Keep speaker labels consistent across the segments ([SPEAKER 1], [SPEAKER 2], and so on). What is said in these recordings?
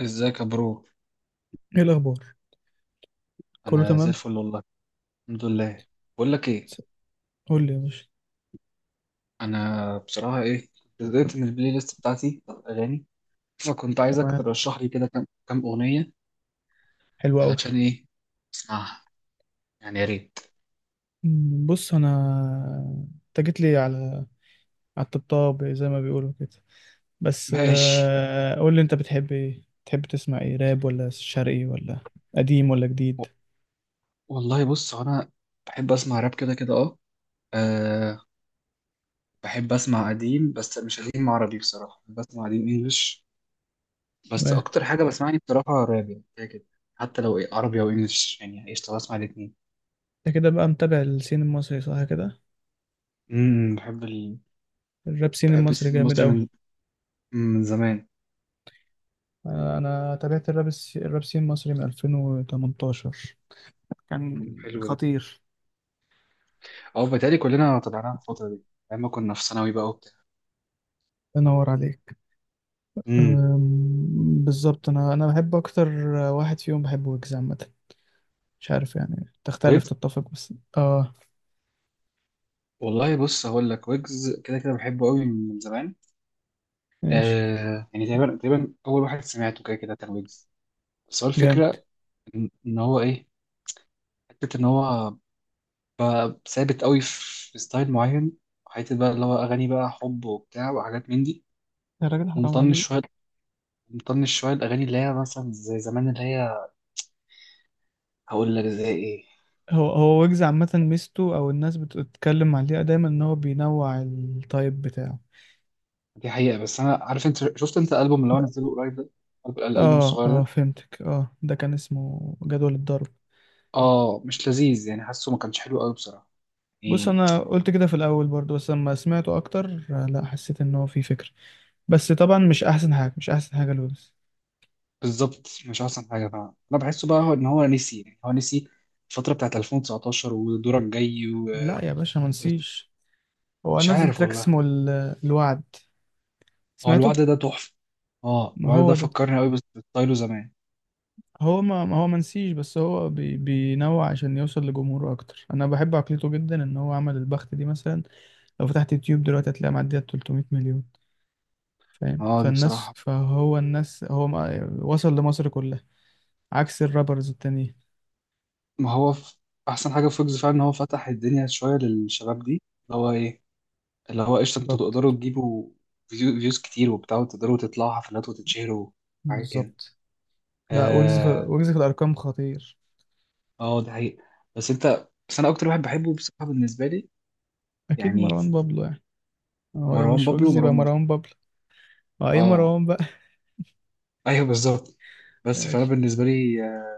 [SPEAKER 1] ازيك يا برو.
[SPEAKER 2] ايه الاخبار؟ كله
[SPEAKER 1] انا زي
[SPEAKER 2] تمام.
[SPEAKER 1] الفل والله، الحمد لله. بقول لك ايه،
[SPEAKER 2] س- قول لي يا باشا.
[SPEAKER 1] انا بصراحه ايه، كنت زهقت من البلاي ليست بتاعتي بتاعت الاغاني، فكنت عايزك
[SPEAKER 2] تمام.
[SPEAKER 1] ترشح لي كده كام كام اغنيه.
[SPEAKER 2] حلو قوي.
[SPEAKER 1] علشان ايه؟ اسمعها يعني، يا ريت.
[SPEAKER 2] بص، انت جيت لي على الطبطاب زي ما بيقولوا كده. بس
[SPEAKER 1] ماشي.
[SPEAKER 2] قول لي، انت بتحب ايه؟ بتحب تسمع ايه، راب ولا شرقي ولا قديم ولا جديد؟
[SPEAKER 1] و- والله بص انا بحب اسمع راب كده كده، اه. آه، بحب اسمع قديم بس مش قديم عربي، بصراحه بسمع قديم انجلش، بس
[SPEAKER 2] و-
[SPEAKER 1] اكتر حاجه بسمعني بصراحه راب يعني كده كده. حتى لو إيه عربي او انجلش، يعني قشطه بسمع الاثنين.
[SPEAKER 2] انت كده بقى متابع السين المصري، صح كده؟
[SPEAKER 1] امم، بحب.
[SPEAKER 2] الراب سين
[SPEAKER 1] بحب
[SPEAKER 2] المصري
[SPEAKER 1] السينما
[SPEAKER 2] جامد
[SPEAKER 1] المصري
[SPEAKER 2] قوي.
[SPEAKER 1] من زمان.
[SPEAKER 2] انا تابعت الراب سين المصري من 2018. كان
[SPEAKER 1] حلو ده.
[SPEAKER 2] خطير.
[SPEAKER 1] اه، بتهيألي كلنا تبعناها في الفترة دي، أيام ما كنا في ثانوي بقى وبتاع.
[SPEAKER 2] الله ينور عليك.
[SPEAKER 1] امم.
[SPEAKER 2] بالظبط، انا بحب اكتر، واحد فيهم بحب ويجز عامه. مش عارف، يعني تختلف
[SPEAKER 1] ويجز،
[SPEAKER 2] تتفق، بس اه.
[SPEAKER 1] والله بص هقول لك ويجز كده كده بحبه قوي من زمان.
[SPEAKER 2] ماشي.
[SPEAKER 1] آه يعني تقريبا تقريبا أول واحد سمعته كده كده كان ويجز. بس هو
[SPEAKER 2] جامد.
[SPEAKER 1] الفكرة إن هو إيه، حتة إن هو بقى ثابت قوي في ستايل معين، حتة بقى اللي هو أغاني بقى حب وبتاع وحاجات من دي.
[SPEAKER 2] الراجل حرام عليه.
[SPEAKER 1] ومطنش شوية، مطنش شوية الأغاني اللي هي مثلا زي زمان اللي هي، هقول لك زي إيه.
[SPEAKER 2] هو ويجز عامه، ميزته او الناس بتتكلم عليها دايما ان هو بينوع التايب بتاعه.
[SPEAKER 1] دي حقيقة، بس أنا عارف أنت شفت أنت الألبوم اللي هو نزله قريب ده، الألبوم
[SPEAKER 2] اه،
[SPEAKER 1] الصغير
[SPEAKER 2] اه،
[SPEAKER 1] ده.
[SPEAKER 2] فهمتك. اه، ده كان اسمه جدول الضرب.
[SPEAKER 1] آه مش لذيذ يعني، حاسه ما كانش حلو قوي بصراحة
[SPEAKER 2] بص،
[SPEAKER 1] يعني.
[SPEAKER 2] انا قلت كده في الاول برضو، بس لما سمعته اكتر لا، حسيت ان هو فيه فكر. بس طبعا، مش احسن حاجه، مش احسن حاجه لويجز.
[SPEAKER 1] بالظبط مش أحسن حاجة فعلا، أنا بحسه بقى هو إن هو نسي يعني، هو نسي الفترة بتاعت 2019 ودورك جاي
[SPEAKER 2] لا يا باشا، ما نسيش. هو
[SPEAKER 1] ومش
[SPEAKER 2] نزل
[SPEAKER 1] عارف
[SPEAKER 2] تراك
[SPEAKER 1] والله.
[SPEAKER 2] اسمه الوعد،
[SPEAKER 1] هو
[SPEAKER 2] سمعته.
[SPEAKER 1] الوعد ده تحفة. آه
[SPEAKER 2] ما
[SPEAKER 1] الوعد
[SPEAKER 2] هو
[SPEAKER 1] ده
[SPEAKER 2] ده.
[SPEAKER 1] فكرني قوي بس بستايله زمان.
[SPEAKER 2] هو ما, ما هو منسيش، بس هو بينوع عشان يوصل لجمهوره اكتر. انا بحب عقليته جدا، ان هو عمل البخت دي مثلا. لو فتحت يوتيوب دلوقتي، هتلاقي معديه 300 مليون. فاهم؟
[SPEAKER 1] آه دي
[SPEAKER 2] فالناس،
[SPEAKER 1] بصراحة.
[SPEAKER 2] فهو الناس، هو ما وصل لمصر كلها. عكس الرابرز التانيين.
[SPEAKER 1] ما هو أحسن حاجة في ويجز فعلا إن هو فتح الدنيا شوية للشباب دي، اللي هو إيه، اللي هو قشطة انتوا
[SPEAKER 2] بالظبط.
[SPEAKER 1] تقدروا تجيبوا فيوز كتير وبتاع، وتقدروا تطلعوا حفلات وتتشهروا. حاجة كده.
[SPEAKER 2] بالظبط. لا ويجز في
[SPEAKER 1] اه،
[SPEAKER 2] ويجز في الارقام خطير.
[SPEAKER 1] اه ده حقيقي. بس انت، بس انا اكتر واحد بحبه بصراحة بالنسبة لي
[SPEAKER 2] اكيد
[SPEAKER 1] يعني
[SPEAKER 2] مروان بابلو يعني. هو لو
[SPEAKER 1] مروان
[SPEAKER 2] مش
[SPEAKER 1] بابلو
[SPEAKER 2] ويجز يبقى
[SPEAKER 1] ومروان موسى.
[SPEAKER 2] مروان بابلو. اه، ايه
[SPEAKER 1] اه
[SPEAKER 2] مروان بقى.
[SPEAKER 1] ايوه بالظبط. بس فانا
[SPEAKER 2] ماشي.
[SPEAKER 1] بالنسبة لي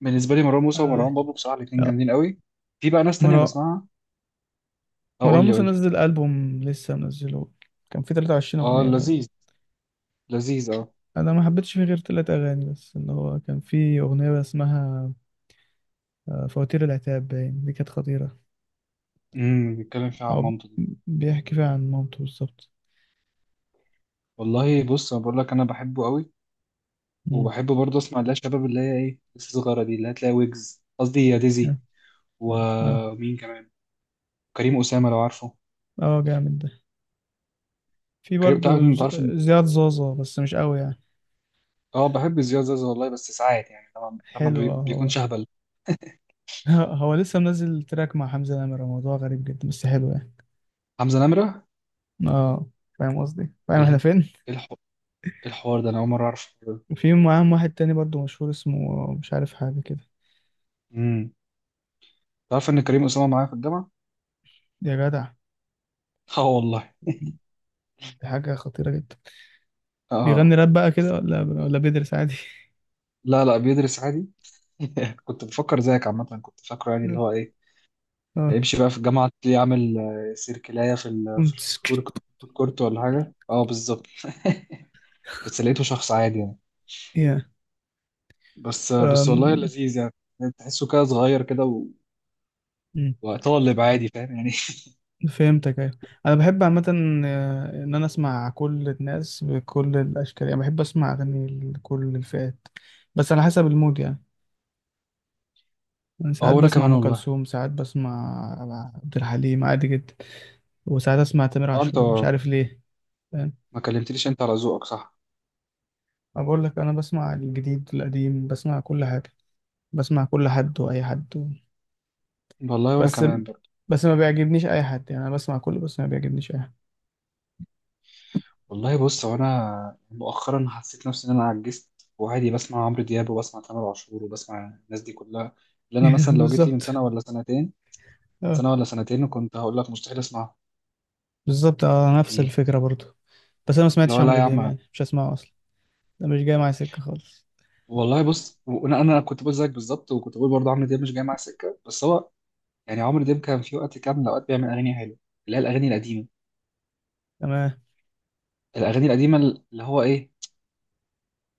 [SPEAKER 1] بالنسبة لي مروان موسى
[SPEAKER 2] آه.
[SPEAKER 1] ومروان بابلو، بصراحة الاتنين جامدين قوي. في بقى ناس تانية
[SPEAKER 2] مروان
[SPEAKER 1] بسمعها. اه،
[SPEAKER 2] مروان
[SPEAKER 1] قول لي
[SPEAKER 2] موسى
[SPEAKER 1] قول لي.
[SPEAKER 2] نزل ألبوم لسه منزله. كان فيه 23
[SPEAKER 1] اه
[SPEAKER 2] أغنية
[SPEAKER 1] لذيذ،
[SPEAKER 2] باين.
[SPEAKER 1] لذيذ اه.
[SPEAKER 2] أنا ما حبيتش فيه غير تلات أغاني، بس اللي هو كان فيه أغنية اسمها فواتير العتاب، باين دي كانت خطيرة.
[SPEAKER 1] بيتكلم فيها عن
[SPEAKER 2] أو،
[SPEAKER 1] مامته دي.
[SPEAKER 2] بيحكي فيها عن مامته بالظبط.
[SPEAKER 1] والله بص انا بقول لك انا بحبه قوي،
[SPEAKER 2] مم.
[SPEAKER 1] وبحب برضه اسمع اللي هي الشباب اللي هي ايه لسه صغيره دي، اللي هتلاقي ويجز قصدي يا
[SPEAKER 2] اه،
[SPEAKER 1] ديزي
[SPEAKER 2] اه.
[SPEAKER 1] ومين كمان كريم اسامه لو عارفه.
[SPEAKER 2] جامد ده. في
[SPEAKER 1] كريم، تعرف
[SPEAKER 2] برضه
[SPEAKER 1] انت عارف
[SPEAKER 2] زياد زازا، بس مش قوي يعني.
[SPEAKER 1] اه بحب زياد زازا والله بس ساعات يعني لما
[SPEAKER 2] حلو. اه،
[SPEAKER 1] ما
[SPEAKER 2] هو.
[SPEAKER 1] بيكونش اهبل.
[SPEAKER 2] هو لسه منزل تراك مع حمزة نمرة، موضوع غريب جدا بس حلو يعني.
[SPEAKER 1] حمزه نمره.
[SPEAKER 2] اه. فاهم قصدي؟ فاهم
[SPEAKER 1] ال...
[SPEAKER 2] احنا فين؟
[SPEAKER 1] إيه إيه الحوار ده، انا اول مره اعرف.
[SPEAKER 2] في معاهم واحد تاني برضه مشهور، اسمه مش عارف، حاجة كده.
[SPEAKER 1] امم. تعرف ان كريم اسامه معايا في الجامعه.
[SPEAKER 2] يا جدع.
[SPEAKER 1] اه والله.
[SPEAKER 2] دي حاجة خطيرة جدا. بيغني
[SPEAKER 1] اه
[SPEAKER 2] راب بقى كده،
[SPEAKER 1] بس،
[SPEAKER 2] ولا بيدرس عادي؟
[SPEAKER 1] لا لا بيدرس عادي. كنت بفكر زيك عامه، كنت فاكره يعني اللي هو ايه،
[SPEAKER 2] اه،
[SPEAKER 1] هيمشي بقى في الجامعة تلاقيه عامل سيركلاية في ال في
[SPEAKER 2] كنت
[SPEAKER 1] الفود كورت،
[SPEAKER 2] سكت.
[SPEAKER 1] الفود كورت ولا حاجة، اه بالظبط. بس لقيته شخص عادي يعني.
[SPEAKER 2] يا.
[SPEAKER 1] بس بس والله
[SPEAKER 2] أم،
[SPEAKER 1] لذيذ يعني. تحسه كده صغير كده
[SPEAKER 2] مم.
[SPEAKER 1] وطالب عادي، فاهم يعني.
[SPEAKER 2] فهمتك، ايوه. انا بحب عامة، ان انا اسمع كل الناس بكل الاشكال، يعني بحب اسمع اغاني لكل الفئات، بس على حسب المود يعني. أنا
[SPEAKER 1] اه
[SPEAKER 2] ساعات
[SPEAKER 1] وانا
[SPEAKER 2] بسمع
[SPEAKER 1] كمان
[SPEAKER 2] ام
[SPEAKER 1] والله.
[SPEAKER 2] كلثوم، ساعات بسمع عبد الحليم عادي جدا. وساعات اسمع تامر
[SPEAKER 1] اه انت
[SPEAKER 2] عاشور، مش عارف ليه. فاهم؟
[SPEAKER 1] ما كلمتليش انت على ذوقك، صح.
[SPEAKER 2] أنا بقول لك، انا بسمع الجديد القديم، بسمع كل حاجة. بسمع كل حد واي حد
[SPEAKER 1] والله وانا
[SPEAKER 2] بس
[SPEAKER 1] كمان برضه.
[SPEAKER 2] بس ما بيعجبنيش اي حد، يعني انا بسمع كله بس ما بيعجبنيش اي حد.
[SPEAKER 1] والله بص هو انا مؤخرا حسيت نفسي ان انا عجزت، وعادي بسمع عمرو دياب وبسمع تامر عاشور وبسمع الناس دي كلها اللي انا مثلا لو جيت لي من
[SPEAKER 2] بالظبط.
[SPEAKER 1] سنة ولا سنتين،
[SPEAKER 2] اه.
[SPEAKER 1] سنة ولا سنتين كنت هقول لك مستحيل اسمعه.
[SPEAKER 2] بالظبط. اه، نفس الفكره برضو. بس انا ما سمعتش
[SPEAKER 1] لا لا
[SPEAKER 2] عمرو
[SPEAKER 1] يا
[SPEAKER 2] دياب،
[SPEAKER 1] عم.
[SPEAKER 2] يعني مش هسمعه اصلا. ده مش جاي معايا سكه خالص.
[SPEAKER 1] والله بص، وانا كنت بقول زيك بالظبط، وكنت بقول برضه عمرو دياب مش جاي معاه سكه، بس هو يعني عمرو دياب كان في وقت، كان اوقات بيعمل اغاني حلوه اللي هي الاغاني القديمه،
[SPEAKER 2] تمام.
[SPEAKER 1] الاغاني القديمه اللي هو ايه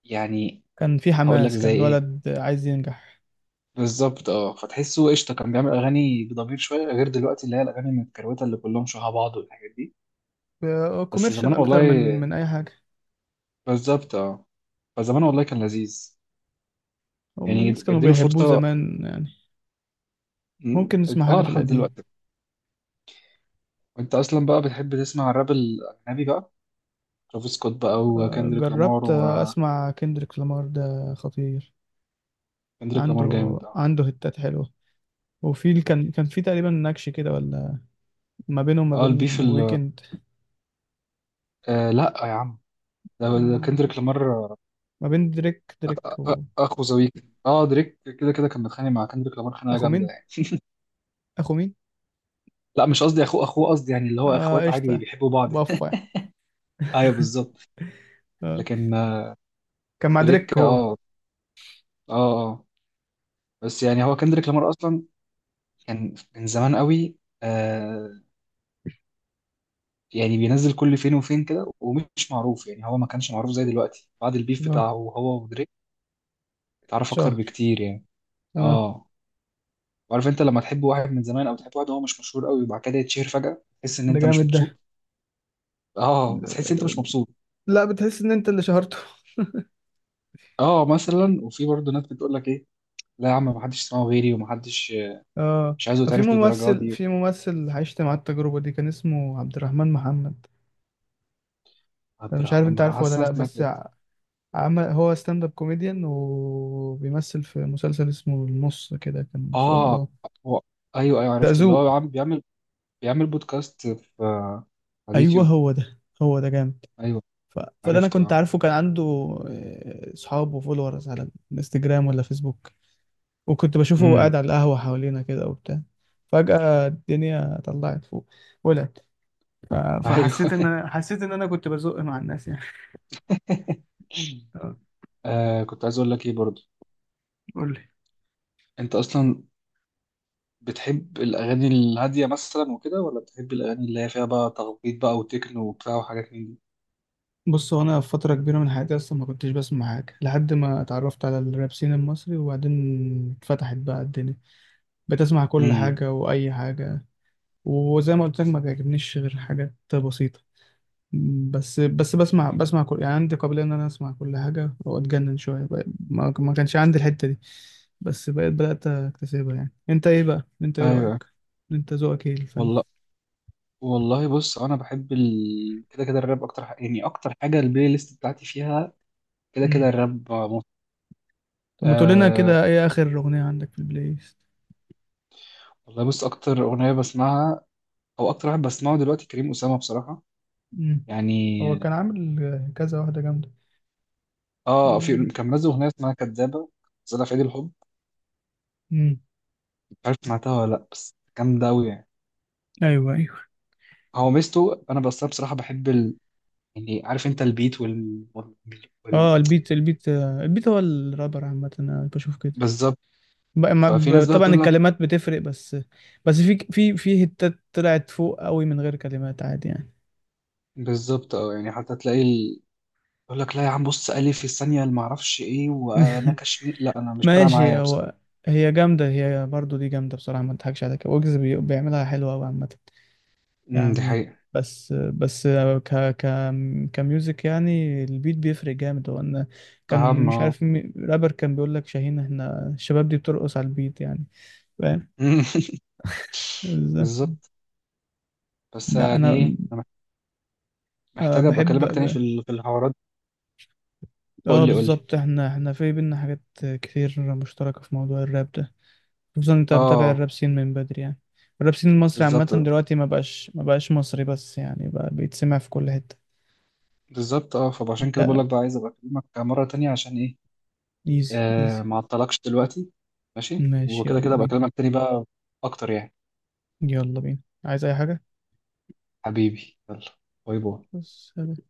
[SPEAKER 1] يعني،
[SPEAKER 2] كان في
[SPEAKER 1] هقول لك
[SPEAKER 2] حماس،
[SPEAKER 1] زي
[SPEAKER 2] كان
[SPEAKER 1] ايه.
[SPEAKER 2] الولد عايز ينجح.
[SPEAKER 1] بالظبط اه، فتحسه قشطه كان بيعمل اغاني بضمير شويه، غير دلوقتي اللي هي الاغاني المتكروته اللي كلهم شبه بعض والحاجات دي. بس
[SPEAKER 2] كوميرشال
[SPEAKER 1] زمان
[SPEAKER 2] اكتر من
[SPEAKER 1] والله،
[SPEAKER 2] من اي حاجه.
[SPEAKER 1] بالظبط اه، فزمان والله كان لذيذ
[SPEAKER 2] هم الناس
[SPEAKER 1] يعني،
[SPEAKER 2] كانوا
[SPEAKER 1] اديله
[SPEAKER 2] بيحبوه
[SPEAKER 1] فرصه.
[SPEAKER 2] زمان يعني.
[SPEAKER 1] م-
[SPEAKER 2] ممكن نسمع حاجه
[SPEAKER 1] اه
[SPEAKER 2] في
[SPEAKER 1] لحد
[SPEAKER 2] القديم.
[SPEAKER 1] دلوقتي. انت اصلا بقى بتحب تسمع الراب الاجنبي بقى؟ ترافيس سكوت بقى وكندريك لامار،
[SPEAKER 2] جربت
[SPEAKER 1] وكندريك
[SPEAKER 2] اسمع كندريك لامار، ده خطير.
[SPEAKER 1] لامار
[SPEAKER 2] عنده
[SPEAKER 1] جامد اه.
[SPEAKER 2] عنده هتات حلوه. وفي ال- كان في تقريبا نكش كده، ولا ما بينه وما
[SPEAKER 1] اه البيف
[SPEAKER 2] بين ويكند.
[SPEAKER 1] آه لا يا عم، ده
[SPEAKER 2] مم،
[SPEAKER 1] كندريك لامار.
[SPEAKER 2] ما بين دريك.
[SPEAKER 1] اخو زويك، اه دريك كده كده كان متخانق مع كندريك لامار خناقه
[SPEAKER 2] واخو مين
[SPEAKER 1] جامده يعني.
[SPEAKER 2] اخو مين؟
[SPEAKER 1] لا مش قصدي اخوه، اخوه قصدي يعني اللي هو
[SPEAKER 2] اه،
[SPEAKER 1] اخوات عادي
[SPEAKER 2] قشطة.
[SPEAKER 1] بيحبوا بعض.
[SPEAKER 2] بفا.
[SPEAKER 1] ايوه بالظبط.
[SPEAKER 2] آه.
[SPEAKER 1] لكن
[SPEAKER 2] كان مع
[SPEAKER 1] دريك
[SPEAKER 2] دريك هو.
[SPEAKER 1] اه، اه اه، بس يعني هو كندريك لامار اصلا كان من زمان قوي آه، يعني بينزل كل فين وفين كده ومش معروف يعني، هو ما كانش معروف زي دلوقتي بعد البيف
[SPEAKER 2] اه.
[SPEAKER 1] بتاعه هو ودريك، اتعرف اكتر
[SPEAKER 2] شهر.
[SPEAKER 1] بكتير يعني.
[SPEAKER 2] اه.
[SPEAKER 1] اه. وعارف انت لما تحب واحد من زمان، او تحب واحد هو مش مشهور قوي وبعد كده يتشهر فجأة، تحس ان
[SPEAKER 2] ده
[SPEAKER 1] انت مش
[SPEAKER 2] جامد ده.
[SPEAKER 1] مبسوط، اه بتحس انت مش مبسوط.
[SPEAKER 2] لا، بتحس ان انت اللي شهرته.
[SPEAKER 1] اه مثلا، وفي برضه ناس بتقول لك ايه، لا يا عم ما حدش سمعه غيري وما حدش،
[SPEAKER 2] اه.
[SPEAKER 1] مش عايزه
[SPEAKER 2] في
[SPEAKER 1] يتعرف للدرجه
[SPEAKER 2] ممثل
[SPEAKER 1] دي.
[SPEAKER 2] في ممثل عشت مع التجربة دي، كان اسمه عبد الرحمن محمد.
[SPEAKER 1] عبد
[SPEAKER 2] أنا مش عارف
[SPEAKER 1] الرحمن،
[SPEAKER 2] انت
[SPEAKER 1] ما
[SPEAKER 2] عارفه ولا
[SPEAKER 1] حاسس إن انا
[SPEAKER 2] لا،
[SPEAKER 1] سمعت
[SPEAKER 2] بس
[SPEAKER 1] ده.
[SPEAKER 2] عمل هو ستاند اب كوميديان، وبيمثل في مسلسل اسمه النص كده كان في
[SPEAKER 1] اه
[SPEAKER 2] رمضان.
[SPEAKER 1] هو. ايوه ايوه
[SPEAKER 2] ده
[SPEAKER 1] عرفته اللي هو
[SPEAKER 2] ذوق.
[SPEAKER 1] عم بيعمل بودكاست في، على
[SPEAKER 2] ايوه،
[SPEAKER 1] اليوتيوب.
[SPEAKER 2] هو ده جامد.
[SPEAKER 1] ايوه
[SPEAKER 2] فده، انا
[SPEAKER 1] عرفته
[SPEAKER 2] كنت
[SPEAKER 1] اه.
[SPEAKER 2] عارفه، كان عنده صحاب وفولورز على الانستجرام ولا فيسبوك. وكنت بشوفه وهو قاعد
[SPEAKER 1] امم.
[SPEAKER 2] على القهوة حوالينا كده وبتاع. فجأة الدنيا طلعت فوق. ولعت. ف...
[SPEAKER 1] ايوه.
[SPEAKER 2] فحسيت ان انا حسيت ان انا كنت بزق مع الناس يعني. آه،
[SPEAKER 1] آه كنت عايز اقول لك ايه برضه،
[SPEAKER 2] قول لي.
[SPEAKER 1] انت اصلا بتحب الأغاني الهادية مثلا وكده، ولا بتحب الأغاني اللي هي فيها بقى تخبيط بقى وتكنو وبتاع وحاجات من دي؟
[SPEAKER 2] بص، هو انا في فترة كبيرة من حياتي اصلا ما كنتش بسمع حاجة، لحد ما اتعرفت على الراب سين المصري، وبعدين اتفتحت بقى الدنيا. بتسمع كل
[SPEAKER 1] امم،
[SPEAKER 2] حاجة واي حاجة. وزي ما قلت لك، ما بيعجبنيش غير حاجات بسيطة. بس بسمع كل، يعني عندي قابلية إن أنا أسمع كل حاجة وأتجنن شوية ما كانش عندي الحتة دي. بس بقيت بدأت أكتسبها. يعني أنت إيه بقى؟ أنت إيه
[SPEAKER 1] أيوه
[SPEAKER 2] رأيك؟ أنت ذوقك إيه الفن؟
[SPEAKER 1] والله. والله بص أنا بحب كده كده الراب أكتر، يعني أكتر حاجة البلاي ليست بتاعتي فيها كده
[SPEAKER 2] مم.
[SPEAKER 1] كده الراب موت.
[SPEAKER 2] طب ما تقول لنا
[SPEAKER 1] آه
[SPEAKER 2] كده، إيه آخر أغنية عندك في البلاي ليست؟
[SPEAKER 1] والله بص، أكتر أغنية بسمعها أو أكتر واحد بسمعه دلوقتي كريم أسامة بصراحة
[SPEAKER 2] مم. هو
[SPEAKER 1] يعني.
[SPEAKER 2] كان عامل كذا واحدة جامدة.
[SPEAKER 1] آه، في
[SPEAKER 2] امم.
[SPEAKER 1] كان منزل أغنية اسمها كدابة، نزلها في عيد الحب، مش عارف سمعتها ولا لأ بس جامدة أوي يعني.
[SPEAKER 2] أيوه، أيوه.
[SPEAKER 1] هو ميزته أنا بس بصراحة بحب يعني، عارف انت البيت وال...
[SPEAKER 2] أه، البيت. البيت هو الرابر عامة، أنا بشوف كده.
[SPEAKER 1] بالظبط. ففي ناس بقى
[SPEAKER 2] طبعا،
[SPEAKER 1] تقول لك،
[SPEAKER 2] الكلمات بتفرق بس. بس في هتات طلعت فوق قوي من غير كلمات عادي يعني.
[SPEAKER 1] بالظبط اه يعني حتى تلاقي يقول لك لا يا عم بص ألف في الثانية اللي معرفش ايه، وانا كشمي لا انا مش فارقة
[SPEAKER 2] ماشي.
[SPEAKER 1] معايا بصراحة.
[SPEAKER 2] هو. هي جامدة، هي برضو دي جامدة بصراحة، ما اضحكش عليك، ويجز بيعملها حلوة قوي عامة
[SPEAKER 1] دي
[SPEAKER 2] يعني.
[SPEAKER 1] حقيقة.
[SPEAKER 2] بس ك ك كميوزك، يعني البيت بيفرق جامد هو، ان كان
[SPEAKER 1] اهم
[SPEAKER 2] مش
[SPEAKER 1] اه.
[SPEAKER 2] عارف رابر كان بيقول لك، شاهين احنا الشباب دي بترقص على البيت يعني. فاهم ازاي؟
[SPEAKER 1] بالظبط. بس
[SPEAKER 2] لا
[SPEAKER 1] يعني
[SPEAKER 2] انا
[SPEAKER 1] ايه، انا محتاج ابقى
[SPEAKER 2] بحب.
[SPEAKER 1] اكلمك تاني في في الحوارات. قول
[SPEAKER 2] اه،
[SPEAKER 1] لي قول لي.
[SPEAKER 2] بالظبط، احنا في بينا حاجات كتير مشتركة في موضوع الراب ده، خصوصا انت متابع
[SPEAKER 1] اه
[SPEAKER 2] الراب سين من بدري يعني. الراب سين المصري عامة
[SPEAKER 1] بالظبط. آه.
[SPEAKER 2] دلوقتي ما بقاش مصري، بس يعني بقى بيتسمع في كل حتة.
[SPEAKER 1] بالظبط اه، فعشان كده بقول
[SPEAKER 2] لا.
[SPEAKER 1] لك بقى عايز ابقى اكلمك مرة تانية عشان ايه.
[SPEAKER 2] ايزي،
[SPEAKER 1] آه
[SPEAKER 2] ايزي.
[SPEAKER 1] ما اعطلكش دلوقتي، ماشي
[SPEAKER 2] ماشي،
[SPEAKER 1] وكده
[SPEAKER 2] يلا
[SPEAKER 1] كده ابقى
[SPEAKER 2] بينا.
[SPEAKER 1] اكلمك تاني بقى اكتر يعني.
[SPEAKER 2] يلا بينا. عايز اي حاجة؟
[SPEAKER 1] حبيبي يلا. باي باي.
[SPEAKER 2] بس.